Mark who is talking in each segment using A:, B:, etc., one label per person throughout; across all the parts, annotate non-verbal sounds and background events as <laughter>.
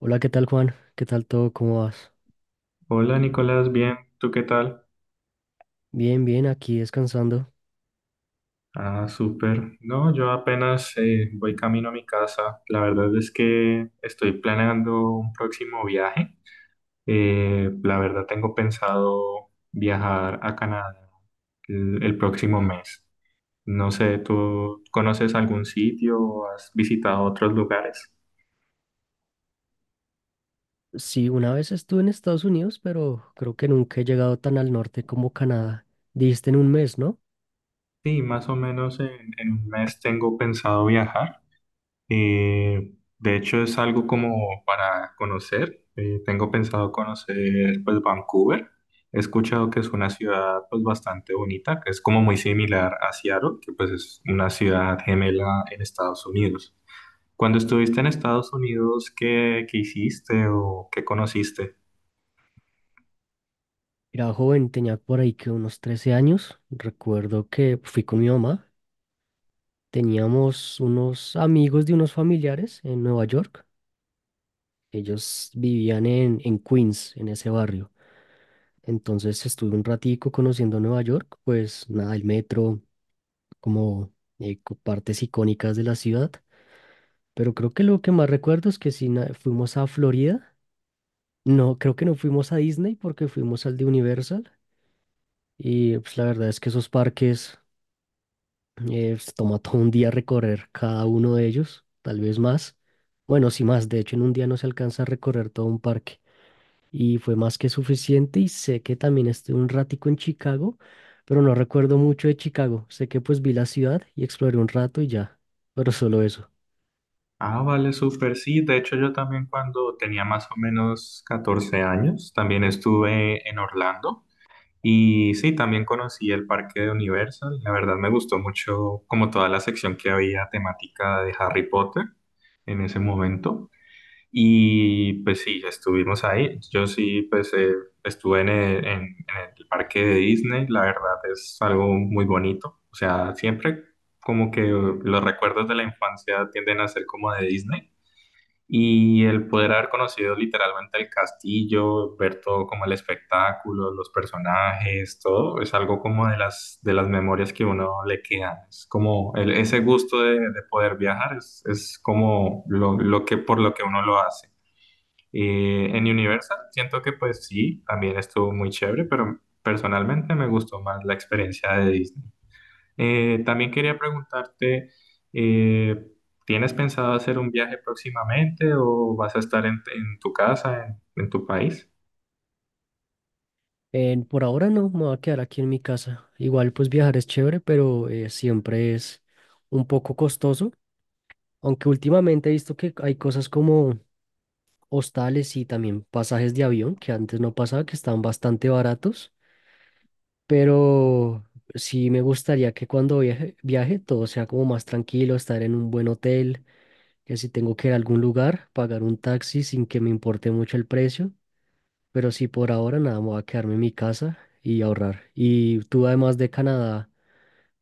A: Hola, ¿qué tal Juan? ¿Qué tal todo? ¿Cómo vas?
B: Hola Nicolás, bien, ¿tú qué tal?
A: Bien, bien, aquí descansando.
B: Ah, súper. No, yo apenas voy camino a mi casa. La verdad es que estoy planeando un próximo viaje. La verdad tengo pensado viajar a Canadá el próximo mes. No sé, ¿tú conoces algún sitio o has visitado otros lugares?
A: Sí, una vez estuve en Estados Unidos, pero creo que nunca he llegado tan al norte como Canadá. Dijiste en un mes, ¿no?
B: Sí, más o menos en un mes tengo pensado viajar. Eh, de hecho, es algo como para conocer. Tengo pensado conocer pues Vancouver. He escuchado que es una ciudad pues bastante bonita, que es como muy similar a Seattle, que pues es una ciudad gemela en Estados Unidos. Cuando estuviste en Estados Unidos, ¿qué hiciste o qué conociste?
A: Era joven, tenía por ahí que unos 13 años. Recuerdo que fui con mi mamá. Teníamos unos amigos de unos familiares en Nueva York. Ellos vivían en Queens, en ese barrio. Entonces estuve un ratico conociendo Nueva York, pues nada, el metro, como partes icónicas de la ciudad. Pero creo que lo que más recuerdo es que si fuimos a Florida, no, creo que no fuimos a Disney porque fuimos al de Universal. Y pues la verdad es que esos parques, pues, toma todo un día recorrer cada uno de ellos, tal vez más. Bueno, sí más, de hecho en un día no se alcanza a recorrer todo un parque. Y fue más que suficiente y sé que también estuve un ratico en Chicago, pero no recuerdo mucho de Chicago. Sé que pues vi la ciudad y exploré un rato y ya, pero solo eso.
B: Ah, vale, súper, sí. De hecho, yo también cuando tenía más o menos 14 años, también estuve en Orlando. Y sí, también conocí el parque de Universal. La verdad me gustó mucho como toda la sección que había temática de Harry Potter en ese momento. Y pues sí, estuvimos ahí. Yo sí, pues estuve en el parque de Disney. La verdad es algo muy bonito. O sea, siempre como que los recuerdos de la infancia tienden a ser como de Disney. Y el poder haber conocido literalmente el castillo, ver todo como el espectáculo, los personajes, todo, es algo como de las memorias que uno le queda. Es como ese gusto de poder viajar, es como por lo que uno lo hace. En Universal siento que pues sí, también estuvo muy chévere, pero personalmente me gustó más la experiencia de Disney. También quería preguntarte, eh, ¿tienes pensado hacer un viaje próximamente o vas a estar en tu casa, en tu país?
A: Por ahora no, me voy a quedar aquí en mi casa. Igual pues viajar es chévere, pero siempre es un poco costoso, aunque últimamente he visto que hay cosas como hostales y también pasajes de avión, que antes no pasaba, que estaban bastante baratos, pero sí me gustaría que cuando viaje, viaje todo sea como más tranquilo, estar en un buen hotel, que si tengo que ir a algún lugar, pagar un taxi sin que me importe mucho el precio. Pero sí, por ahora nada, me voy a quedarme en mi casa y ahorrar. ¿Y tú además de Canadá,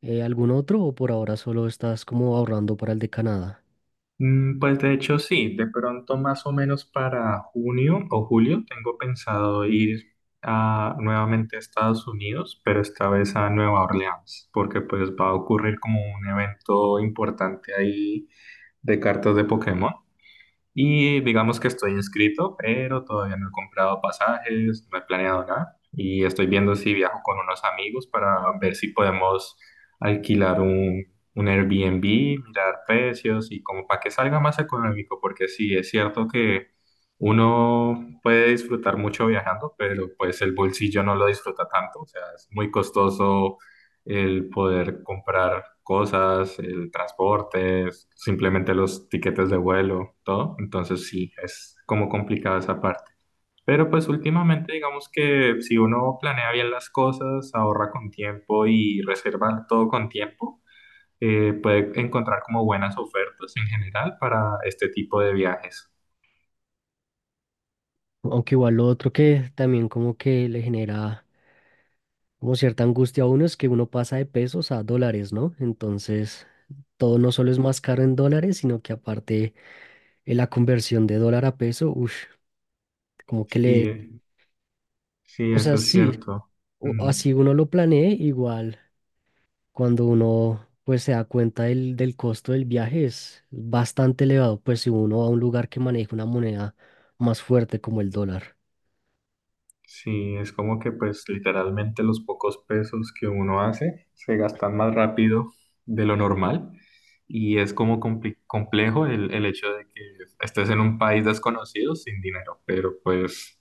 A: algún otro o por ahora solo estás como ahorrando para el de Canadá?
B: Mm, pues de hecho sí, de pronto más o menos para junio o julio tengo pensado ir a, nuevamente a Estados Unidos, pero esta vez a Nueva Orleans, porque pues va a ocurrir como un evento importante ahí de cartas de Pokémon. Y digamos que estoy inscrito, pero todavía no he comprado pasajes, no he planeado nada. Y estoy viendo si viajo con unos amigos para ver si podemos alquilar un Airbnb, mirar precios y como para que salga más económico, porque sí, es cierto que uno puede disfrutar mucho viajando, pero pues el bolsillo no lo disfruta tanto. O sea, es muy costoso el poder comprar cosas, el transporte, simplemente los tiquetes de vuelo, todo. Entonces sí, es como complicada esa parte. Pero pues últimamente digamos que si uno planea bien las cosas, ahorra con tiempo y reserva todo con tiempo, puede encontrar como buenas ofertas en general para este tipo de viajes.
A: Aunque igual lo otro que también como que le genera como cierta angustia a uno es que uno pasa de pesos a dólares, ¿no? Entonces, todo no solo es más caro en dólares, sino que aparte la conversión de dólar a peso, uff, como que le...
B: Sí, sí,
A: O sea,
B: eso es
A: sí,
B: cierto. Mm.
A: así uno lo planee igual. Cuando uno pues se da cuenta del costo del viaje es bastante elevado, pues si uno va a un lugar que maneja una moneda más fuerte como el dólar.
B: Sí, es como que pues literalmente los pocos pesos que uno hace se gastan más rápido de lo normal y es como complejo el hecho de que estés en un país desconocido sin dinero, pero pues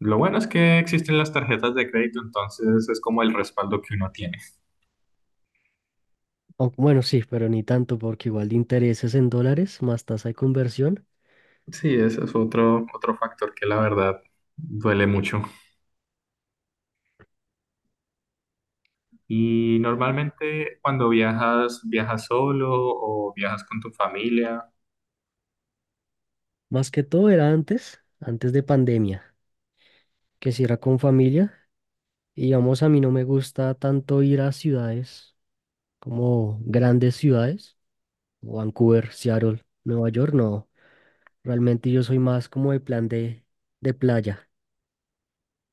B: lo bueno es que existen las tarjetas de crédito, entonces es como el respaldo que uno tiene.
A: Aunque, bueno, sí, pero ni tanto porque igual de intereses en dólares más tasa de conversión.
B: Sí, ese es otro, otro factor que la verdad duele mucho. Y normalmente cuando viajas, ¿viajas solo o viajas con tu familia?
A: Más que todo era antes, antes de pandemia, que si era con familia. Y vamos, a mí no me gusta tanto ir a ciudades como grandes ciudades, Vancouver, Seattle, Nueva York, no. Realmente yo soy más como de plan de playa.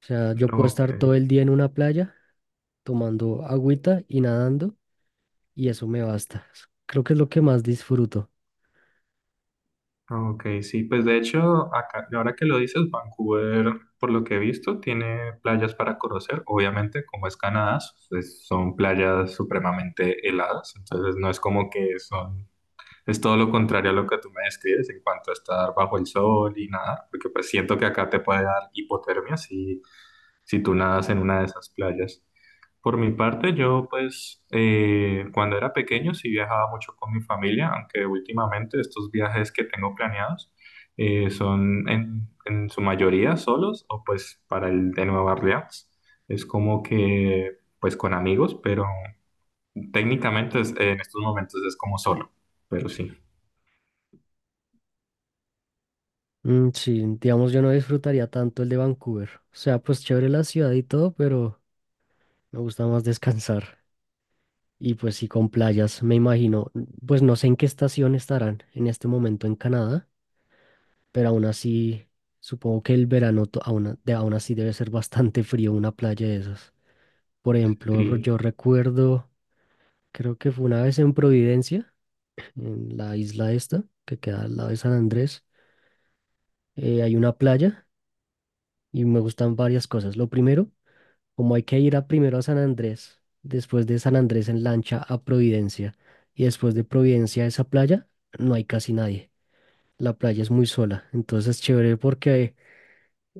A: O sea, yo puedo
B: No, ok.
A: estar todo el día en una playa tomando agüita y nadando y eso me basta. Creo que es lo que más disfruto.
B: Ah, ok, sí, pues de hecho, acá, ahora que lo dices, Vancouver, por lo que he visto, tiene playas para conocer. Obviamente, como es Canadá, pues, son playas supremamente heladas, entonces no es como que son es todo lo contrario a lo que tú me describes en cuanto a estar bajo el sol y nadar, porque pues siento que acá te puede dar hipotermia si, si tú nadas en una de esas playas. Por mi parte, yo pues cuando era pequeño sí viajaba mucho con mi familia, aunque últimamente estos viajes que tengo planeados son en su mayoría solos o pues para el de Nueva Orleans. Es como que pues con amigos, pero técnicamente en estos momentos es como solo, pero sí.
A: Mm, sí, digamos, yo no disfrutaría tanto el de Vancouver. O sea, pues chévere la ciudad y todo, pero me gusta más descansar. Y pues sí, con playas, me imagino. Pues no sé en qué estación estarán en este momento en Canadá, pero aún así, supongo que el verano aún así debe ser bastante frío una playa de esas. Por ejemplo, yo
B: Sí,
A: recuerdo, creo que fue una vez en Providencia, en la isla esta, que queda al lado de San Andrés. Hay una playa y me gustan varias cosas. Lo primero, como hay que ir a primero a San Andrés, después de San Andrés en lancha a Providencia y después de Providencia a esa playa, no hay casi nadie. La playa es muy sola, entonces es chévere porque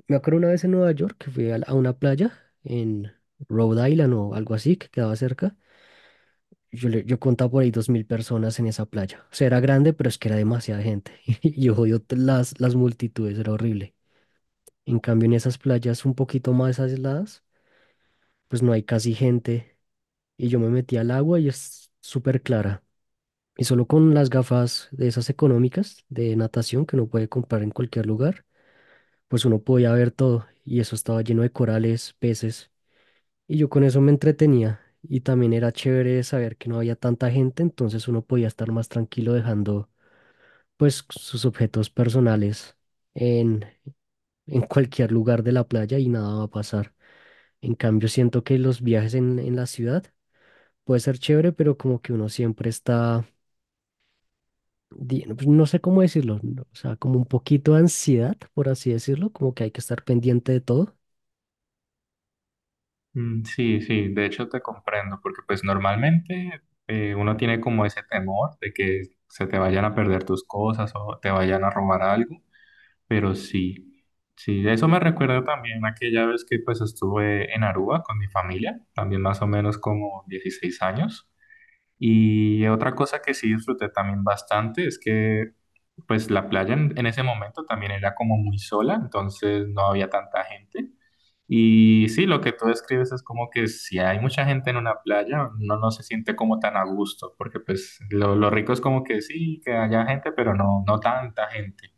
A: me acuerdo una vez en Nueva York que fui a una playa en Rhode Island o algo así que quedaba cerca. Yo contaba por ahí 2000 personas en esa playa. O sea, era grande, pero es que era demasiada gente. <laughs> Y yo odio las multitudes, era horrible. En cambio, en esas playas un poquito más aisladas, pues no hay casi gente. Y yo me metí al agua y es súper clara. Y solo con las gafas de esas económicas de natación que uno puede comprar en cualquier lugar, pues uno podía ver todo. Y eso estaba lleno de corales, peces. Y yo con eso me entretenía. Y también era chévere saber que no había tanta gente, entonces uno podía estar más tranquilo dejando pues sus objetos personales en, en cualquier lugar de la playa y nada va a pasar. En cambio, siento que los viajes en la ciudad puede ser chévere, pero como que uno siempre está, pues, no sé cómo decirlo, no, o sea, como un poquito de ansiedad, por así decirlo, como que hay que estar pendiente de todo.
B: mm, sí, sí, de hecho te comprendo, porque pues normalmente uno tiene como ese temor de que se te vayan a perder tus cosas o te vayan a robar algo, pero sí, sí, eso me recuerda también aquella vez que pues estuve en Aruba con mi familia, también más o menos como 16 años, y otra cosa que sí disfruté también bastante es que pues la playa en ese momento también era como muy sola, entonces no había tanta gente. Y sí, lo que tú describes es como que si hay mucha gente en una playa, uno no se siente como tan a gusto, porque pues lo rico es como que sí, que haya gente, pero no, no tanta gente.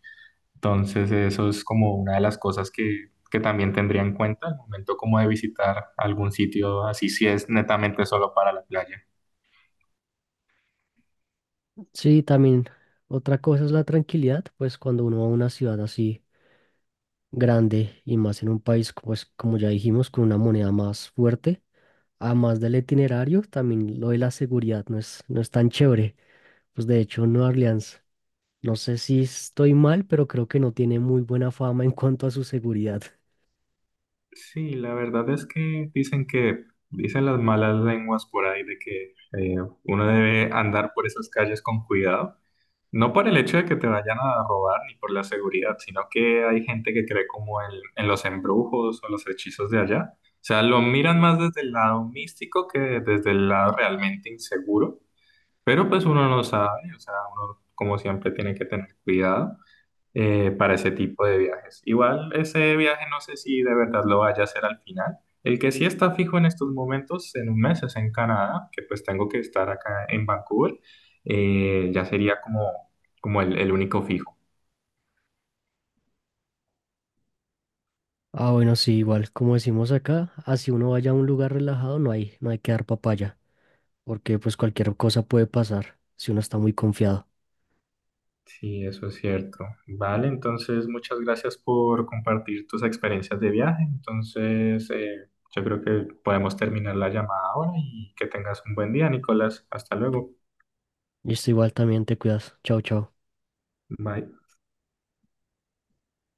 B: Entonces eso es como una de las cosas que también tendría en cuenta al momento como de visitar algún sitio, así si es netamente solo para la playa.
A: Sí, también otra cosa es la tranquilidad, pues cuando uno va a una ciudad así grande y más en un país, pues como ya dijimos, con una moneda más fuerte. Además del itinerario, también lo de la seguridad no es tan chévere. Pues de hecho, Nueva Orleans, no sé si estoy mal, pero creo que no tiene muy buena fama en cuanto a su seguridad.
B: Sí, la verdad es que, dicen las malas lenguas por ahí de que uno debe andar por esas calles con cuidado, no por el hecho de que te vayan a robar ni por la seguridad, sino que hay gente que cree como en los embrujos o los hechizos de allá. O sea, lo miran más desde el lado místico que desde el lado realmente inseguro, pero pues uno no sabe, o sea, uno como siempre tiene que tener cuidado para ese tipo de viajes. Igual ese viaje no sé si de verdad lo vaya a hacer al final. El que sí está fijo en estos momentos, en un mes, es en Canadá, que pues tengo que estar acá en Vancouver. Ya sería como, como el único fijo.
A: Ah, bueno, sí, igual, como decimos acá, así uno vaya a un lugar relajado, no hay que dar papaya, porque pues cualquier cosa puede pasar si uno está muy confiado.
B: Sí, eso es cierto. Vale, entonces muchas gracias por compartir tus experiencias de viaje. Entonces, yo creo que podemos terminar la llamada ahora y que tengas un buen día, Nicolás. Hasta luego.
A: Y esto igual también te cuidas. Chao, chao.
B: Bye.